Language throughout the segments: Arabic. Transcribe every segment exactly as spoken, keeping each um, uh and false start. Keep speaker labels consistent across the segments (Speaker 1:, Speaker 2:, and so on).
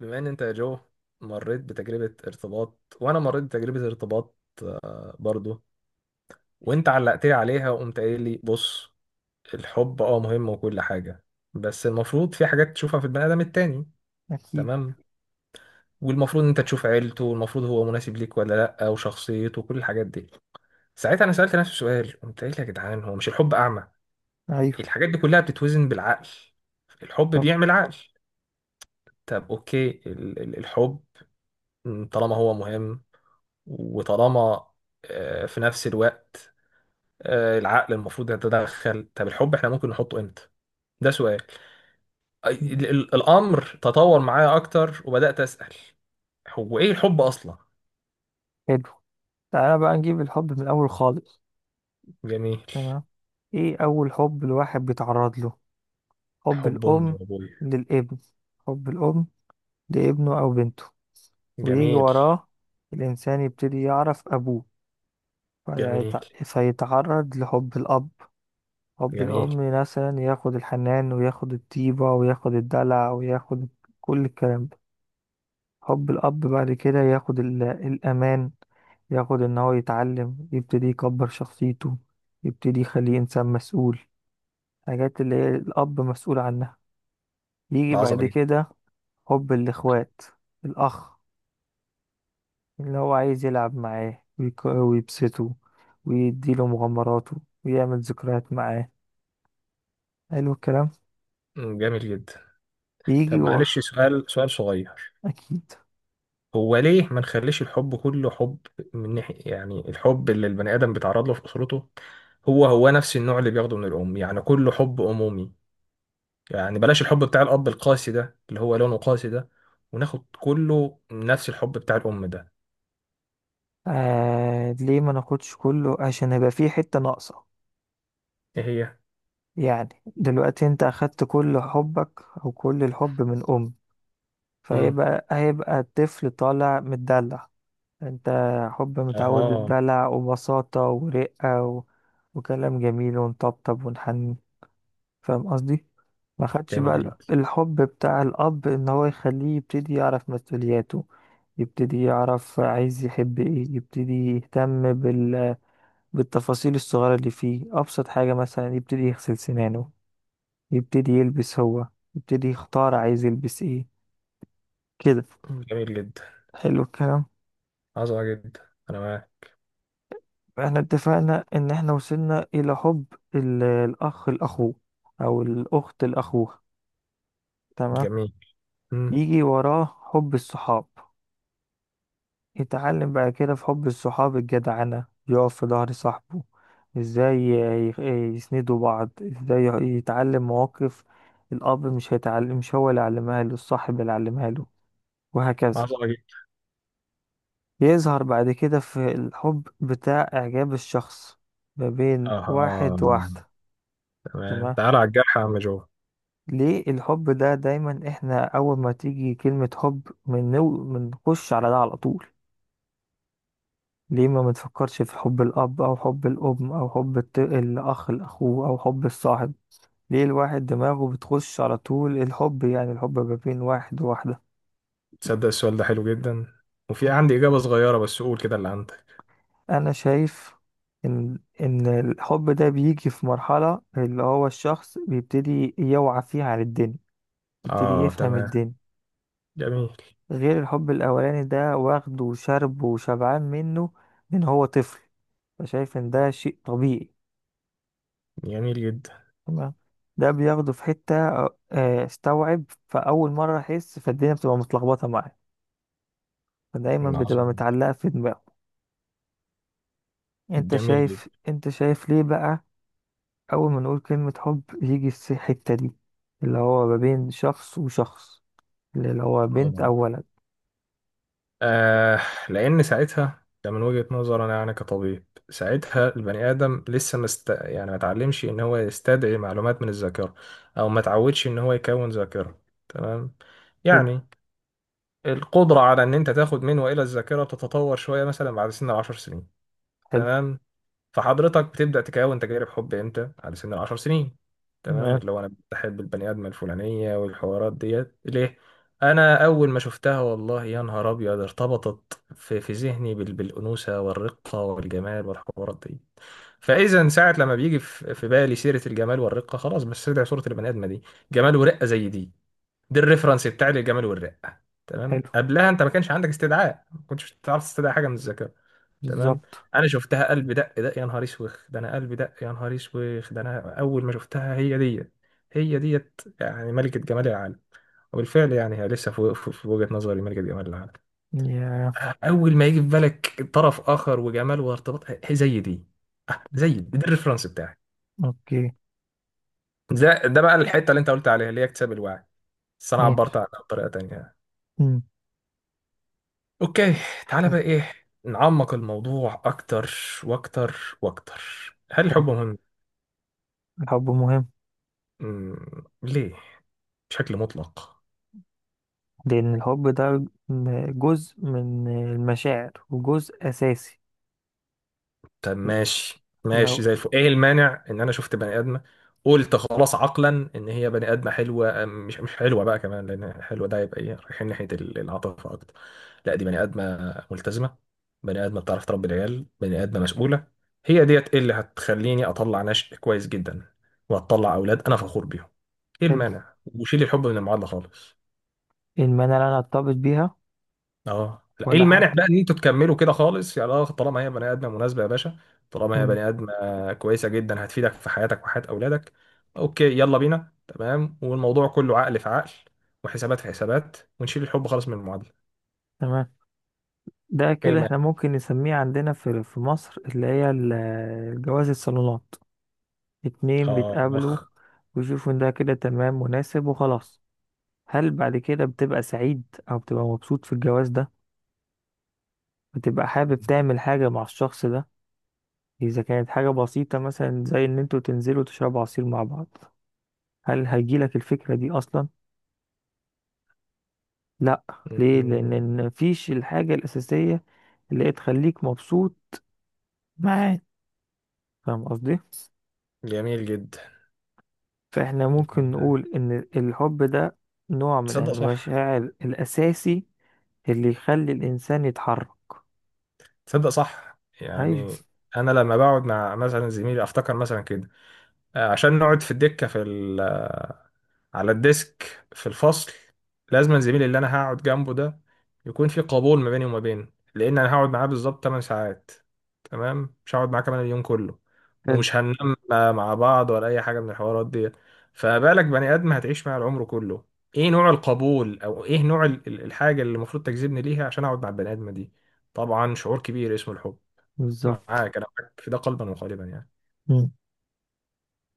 Speaker 1: بما ان انت يا جو مريت بتجربة ارتباط وانا مريت بتجربة ارتباط برضو. وانت علقت لي عليها وقمت قايل لي بص، الحب اه مهم وكل حاجة. بس المفروض في حاجات تشوفها في البني ادم التاني.
Speaker 2: أكيد.
Speaker 1: تمام. والمفروض ان انت تشوف عيلته، والمفروض هو مناسب ليك ولا لا، وشخصيته وكل الحاجات دي. ساعتها انا سألت نفسي سؤال، قمت قايل يا جدعان هو مش الحب اعمى؟
Speaker 2: أيوه.
Speaker 1: الحاجات دي كلها بتتوزن بالعقل. الحب
Speaker 2: طب
Speaker 1: بيعمل عقل. طب اوكي ال- ال- الحب، طالما هو مهم وطالما آه، في نفس الوقت، آه، العقل المفروض يتدخل. طب الحب احنا ممكن نحطه امتى؟ ده سؤال. أي- ال- ال- الامر تطور معايا اكتر وبدات اسال هو ايه الحب اصلا؟
Speaker 2: حلو، تعالى بقى نجيب الحب من الأول خالص.
Speaker 1: جميل.
Speaker 2: تمام، إيه أول حب الواحد بيتعرض له؟ حب
Speaker 1: حب امي
Speaker 2: الأم
Speaker 1: وابويا.
Speaker 2: للابن، حب الأم لابنه أو بنته، ويجي
Speaker 1: جميل.
Speaker 2: وراه الإنسان يبتدي يعرف أبوه
Speaker 1: جميل.
Speaker 2: فيتع- فيتعرض لحب الأب. حب
Speaker 1: جميل.
Speaker 2: الأم مثلا ياخد الحنان وياخد الطيبة وياخد الدلع وياخد كل الكلام ده. حب الأب بعد كده ياخد ال- الأمان، ياخد إن هو يتعلم، يبتدي يكبر شخصيته، يبتدي يخليه إنسان مسؤول، حاجات اللي هي الأب مسؤول عنها. يجي
Speaker 1: عظمه
Speaker 2: بعد
Speaker 1: جدا.
Speaker 2: كده حب الإخوات، الأخ اللي هو عايز يلعب معاه ويك- ويبسطه، ويديله مغامراته، ويعمل ذكريات معاه. حلو الكلام.
Speaker 1: مم، جميل جدا.
Speaker 2: يجي
Speaker 1: طب
Speaker 2: و...
Speaker 1: معلش سؤال، سؤال صغير.
Speaker 2: أكيد.
Speaker 1: هو ليه ما نخليش الحب كله حب؟ من ناحية يعني الحب اللي البني آدم بيتعرض له في أسرته، هو هو نفس النوع اللي بياخده من الأم، يعني كله حب أمومي. يعني بلاش الحب بتاع الأب القاسي ده، اللي هو لونه قاسي ده، وناخد كله نفس الحب بتاع الأم ده.
Speaker 2: آه ليه ما ناخدش كله؟ عشان هيبقى فيه حتة ناقصة.
Speaker 1: إيه هي؟
Speaker 2: يعني دلوقتي انت اخدت كل حبك او كل الحب من ام،
Speaker 1: مم.
Speaker 2: فهيبقى هيبقى الطفل طالع متدلع. انت حب متعود
Speaker 1: أها.
Speaker 2: الدلع وبساطة ورقة و... وكلام جميل ونطبطب ونحني. فاهم قصدي؟ ما خدش بقى
Speaker 1: جميل
Speaker 2: ال-
Speaker 1: جدا.
Speaker 2: الحب بتاع الاب ان هو يخليه يبتدي يعرف مسؤولياته، يبتدي يعرف عايز يحب ايه، يبتدي يهتم بال... بالتفاصيل الصغيرة اللي فيه، ابسط حاجة مثلا يبتدي يغسل سنانه، يبتدي يلبس هو، يبتدي يختار عايز يلبس ايه، كده.
Speaker 1: جميل جدا.
Speaker 2: حلو الكلام.
Speaker 1: عظمة جدا، أنا معاك.
Speaker 2: احنا اتفقنا ان احنا وصلنا الى حب ال- الاخ لاخوه او الاخت لاخوها. تمام.
Speaker 1: جميل. مم.
Speaker 2: يجي وراه حب الصحاب، يتعلم بعد كده في حب الصحاب الجدعنة، يقف في ظهر صاحبه، ازاي ي- ي- يسندوا بعض، ازاي ي- يتعلم مواقف الاب مش هيتعلم، مش هو اللي علمها له، الصاحب اللي علمها له، وهكذا.
Speaker 1: عظمة جدا.
Speaker 2: يظهر بعد كده في الحب بتاع إعجاب الشخص ما بين
Speaker 1: أها.
Speaker 2: واحد وواحدة.
Speaker 1: تمام،
Speaker 2: تمام.
Speaker 1: تعالى على الجرح يا عم جو.
Speaker 2: ليه الحب ده دايما احنا أول ما تيجي كلمة حب بنو- بنخش على ده على طول؟ ليه ما بنفكرش في حب الأب أو حب الأم أو حب الت- الأخ لأخوه أو حب الصاحب؟ ليه الواحد دماغه بتخش على طول الحب؟ يعني الحب ما بين واحد وواحدة.
Speaker 1: تصدق السؤال ده حلو جدا، وفي عندي إجابة صغيرة، بس قول كده اللي عندك.
Speaker 2: انا شايف ان ان الحب ده بيجي في مرحلة اللي هو الشخص بيبتدي يوعى فيها على الدنيا، بيبتدي
Speaker 1: اه،
Speaker 2: يفهم
Speaker 1: تمام.
Speaker 2: الدنيا،
Speaker 1: جميل.
Speaker 2: غير الحب الاولاني ده واخده وشربه وشبعان منه من هو طفل، فشايف ان ده شيء طبيعي.
Speaker 1: جميل جدا.
Speaker 2: تمام. ده بياخده في حتة، آه، استوعب فاول مرة، احس فالدنيا بتبقى متلخبطة معاه، فدايما بتبقى
Speaker 1: عظيم.
Speaker 2: متعلقة في دماغه. انت
Speaker 1: جميل جدا.
Speaker 2: شايف، انت شايف ليه بقى أول ما نقول كلمة حب يجي الس- الحتة دي، اللي هو ما بين شخص وشخص، اللي هو بنت أو
Speaker 1: اه.
Speaker 2: ولد.
Speaker 1: آه، لان ساعتها ده من وجهة نظري انا يعني كطبيب، ساعتها البني ادم لسه مست... يعني ما اتعلمش ان هو يستدعي معلومات من الذاكره، او ما اتعودش ان هو يكون ذاكره. تمام.
Speaker 2: حلو.
Speaker 1: يعني القدره على ان انت تاخد من والى الذاكره تتطور شويه مثلا بعد سن العشر سنين.
Speaker 2: حلو.
Speaker 1: تمام. فحضرتك بتبدأ تكون تجارب حب امتى؟ على سن العشر سنين. تمام،
Speaker 2: تمام.
Speaker 1: اللي هو انا بحب البني ادم الفلانيه والحوارات ديت ليه. انا اول ما شفتها والله يا نهار ابيض، ارتبطت في في ذهني بال- بالانوثه والرقه والجمال والحوارات دي. فاذا ساعه لما بيجي في في بالي سيره الجمال والرقه، خلاص بستدعي صوره البني ادمه دي. جمال ورقه زي دي. دي الريفرنس بتاعي للجمال والرقه. تمام،
Speaker 2: حلو.
Speaker 1: قبلها انت ما كانش عندك استدعاء، ما كنتش تعرف تستدعي حاجه من الذكاء. تمام.
Speaker 2: بالظبط.
Speaker 1: انا شفتها قلب دق دق يا نهار اسوخ ده، انا قلب دق يا نهار اسوخ ده، انا اول ما شفتها هي ديت. هي ديت يعني ملكة جمال العالم. وبالفعل يعني هي لسه في في- في وجهة نظري ملكة جمال العالم.
Speaker 2: يا
Speaker 1: اول ما يجي في بالك طرف اخر وجمال وارتباط، هي زي دي. زي دي، ده الريفرنس بتاعي.
Speaker 2: أوكي.
Speaker 1: ده ده بقى الحتة اللي انت قلت عليها، اللي هي اكتساب الوعي، بس انا عبرت
Speaker 2: ماشي.
Speaker 1: عنها بطريقة تانية.
Speaker 2: مم.
Speaker 1: اوكي، تعالى بقى ايه، نعمق الموضوع اكتر واكتر واكتر. هل الحب
Speaker 2: حلو.
Speaker 1: مهم؟
Speaker 2: الحب مهم.
Speaker 1: مم. ليه؟ بشكل مطلق.
Speaker 2: لأن الحب ده جزء من المشاعر وجزء أساسي.
Speaker 1: طب ماشي
Speaker 2: لو
Speaker 1: ماشي زي الفل، ايه المانع ان انا شفت بني ادمه، قلت خلاص عقلا ان هي بني ادمه حلوه، أم- مش مش حلوه بقى كمان، لان حلوه ده يبقى ايه، رايحين ناحيه ال- العاطفه اكتر. لا، دي بني ادمه ملتزمه، بني ادمه بتعرف تربي العيال، بني ادمه مسؤوله. هي ديت إيه اللي هتخليني اطلع نشء كويس جدا، وهتطلع اولاد انا فخور بيهم. ايه
Speaker 2: حلو،
Speaker 1: المانع وشيل الحب من المعادله خالص؟
Speaker 2: إن أنا لا أرتبط بيها،
Speaker 1: اه لا، ايه
Speaker 2: ولا
Speaker 1: المانع
Speaker 2: حاجة.
Speaker 1: بقى ان انتوا تكملوا كده خالص يا لا، طالما هي بني ادمه مناسبه يا باشا. طالما هي
Speaker 2: مم.
Speaker 1: بني ادمه كويسه جدا هتفيدك في حياتك وحياه اولادك. اوكي يلا بينا. تمام، والموضوع كله عقل في عقل، وحسابات في حسابات، ونشيل الحب خالص من المعادله.
Speaker 2: تمام، ده
Speaker 1: ايه
Speaker 2: كده احنا
Speaker 1: المانع؟
Speaker 2: ممكن نسميه عندنا في في مصر اللي هي ال- الجواز الصالونات. اتنين
Speaker 1: اه اخ.
Speaker 2: بيتقابلوا ويشوفوا ان ده كده تمام مناسب وخلاص. هل بعد كده بتبقى سعيد او بتبقى مبسوط في الجواز ده؟ بتبقى حابب تعمل حاجة مع الشخص ده؟ اذا كانت حاجة بسيطة مثلا زي ان انتوا تنزلوا تشربوا عصير مع بعض، هل هيجيلك الفكرة دي اصلا؟ لا. ليه؟ لان مفيش الحاجة الاساسية اللي هي تخليك مبسوط معاه. فاهم قصدي؟
Speaker 1: جميل جدا.
Speaker 2: فاحنا ممكن نقول ان الحب ده نوع من
Speaker 1: تصدق صح.
Speaker 2: المشاعر الاساسي اللي يخلي الإنسان يتحرك.
Speaker 1: تصدق صح
Speaker 2: أيوه.
Speaker 1: يعني. انا لما بقعد مع مثلا زميلي افتكر مثلا كده، آه، عشان نقعد في الدكه، في على الديسك في الفصل، لازم الزميل اللي انا هقعد جنبه ده يكون في قبول ما بيني وما بينه. لان انا هقعد معاه بالظبط 8 ساعات. تمام، مش هقعد معاه كمان اليوم كله،
Speaker 2: حلو.
Speaker 1: ومش هننام مع بعض ولا اي حاجه من الحوارات دي. فما بالك بني ادم هتعيش معاه العمر كله، ايه نوع القبول او ايه نوع ال- ال- الحاجه اللي المفروض تجذبني ليها عشان اقعد مع البني ادمه دي؟ طبعا شعور كبير اسمه الحب.
Speaker 2: بالظبط.
Speaker 1: معاك، انا معاك في ده قلبا وقالبا يعني.
Speaker 2: مم.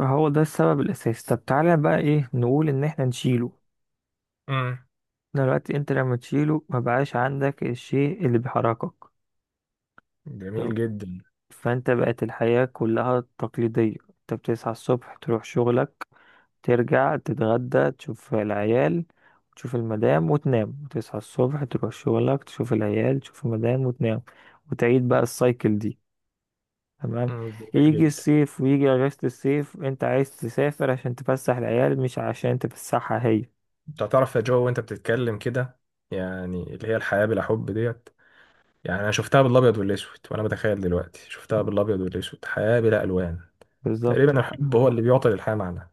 Speaker 2: هو ده السبب الأساسي. طب تعالى بقى، إيه نقول إن إحنا نشيله؟
Speaker 1: امم.
Speaker 2: دلوقتي أنت لما تشيله مبقاش عندك الشيء اللي بيحركك. طب
Speaker 1: جميل جدا.
Speaker 2: فأنت بقت الحياة كلها تقليدية، أنت بتصحى الصبح تروح شغلك، ترجع تتغدى تشوف العيال تشوف المدام وتنام، وتصحى الصبح تروح شغلك تشوف العيال تشوف المدام وتنام، وتعيد بقى السايكل دي. تمام.
Speaker 1: امم. جميل
Speaker 2: يجي
Speaker 1: جدا.
Speaker 2: الصيف ويجي اجازة الصيف، انت عايز تسافر عشان تفسح العيال مش عشان تفسحها هي.
Speaker 1: انت هتعرف يا جو وانت بتتكلم كده، يعني اللي هي الحياة بلا حب ديت، يعني انا شفتها بالابيض والاسود، وانا بتخيل دلوقتي شفتها بالابيض والاسود، حياة بلا الوان.
Speaker 2: بالظبط.
Speaker 1: تقريبا الحب هو اللي بيعطي للحياة معنى.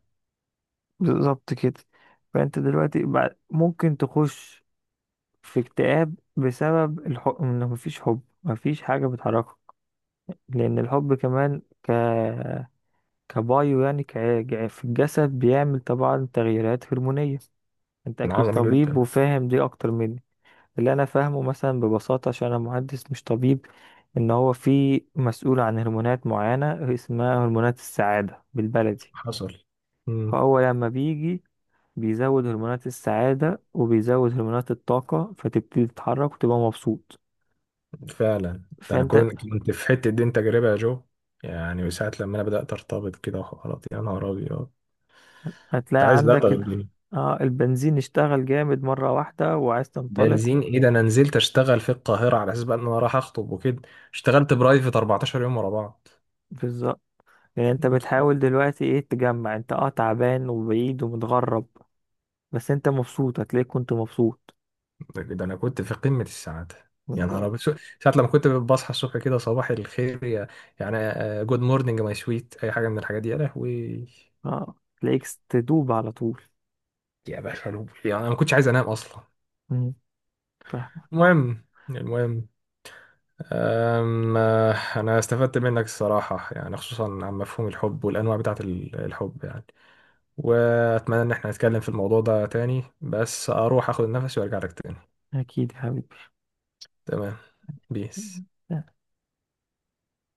Speaker 2: بالظبط كده. فانت دلوقتي بعد ممكن تخش في اكتئاب بسبب الحب، انه مفيش حب مفيش حاجة بتحركك. لان الحب كمان ك كبايو يعني ك... في الجسد بيعمل طبعا تغييرات هرمونية. انت
Speaker 1: من
Speaker 2: اكيد
Speaker 1: عظمة
Speaker 2: طبيب
Speaker 1: جدا.
Speaker 2: وفاهم دي اكتر مني. اللي انا فاهمه مثلا ببساطه، عشان انا مهندس مش طبيب، ان هو في مسؤول عن هرمونات معينه اسمها هرمونات السعاده بالبلدي.
Speaker 1: حصل. امم.
Speaker 2: فهو لما بيجي بيزود هرمونات السعاده وبيزود هرمونات الطاقه، فتبتدي تتحرك وتبقى مبسوط.
Speaker 1: فعلا. ده انا
Speaker 2: فانت
Speaker 1: كنت كنت في حتة دي تجربة يا جو. يعني وساعة لما انا بدأت ارتبط كده وحوارات، يا نهار ابيض. انت
Speaker 2: هتلاقي
Speaker 1: عايز ده
Speaker 2: عندك ال...
Speaker 1: تغيرني.
Speaker 2: آه البنزين اشتغل جامد مره واحده وعايز تنطلق.
Speaker 1: بنزين ايه ده، انا نزلت اشتغل في القاهرة على اساس بقى ان انا رايح اخطب وكده. اشتغلت برايفت 14 يوم ورا بعض.
Speaker 2: بالظبط. يعني انت بتحاول دلوقتي ايه، تجمع انت، اه تعبان وبعيد ومتغرب، بس انت مبسوط. هتلاقيك كنت مبسوط.
Speaker 1: ده ده انا كنت في قمه السعاده. يا نهار ابيض، شو- ساعه لما كنت بصحى الصبح كده صباح الخير يا، يعني، جود مورنينج ماي سويت، اي حاجه من الحاجات دي يا لهوي.
Speaker 2: اه. تلاقيك تدوب على طول.
Speaker 1: يا باشا لوب، يعني انا ما كنتش عايز انام اصلا.
Speaker 2: مم. فاهم.
Speaker 1: المهم المهم، أم آه، انا استفدت منك الصراحه يعني، خصوصا عن مفهوم الحب والانواع بتاعه ال- الحب يعني. واتمنى ان احنا نتكلم في الموضوع ده تاني، بس اروح اخد النفس وارجع لك تاني.
Speaker 2: اكيد يا حبيبي.
Speaker 1: تمام. بيس.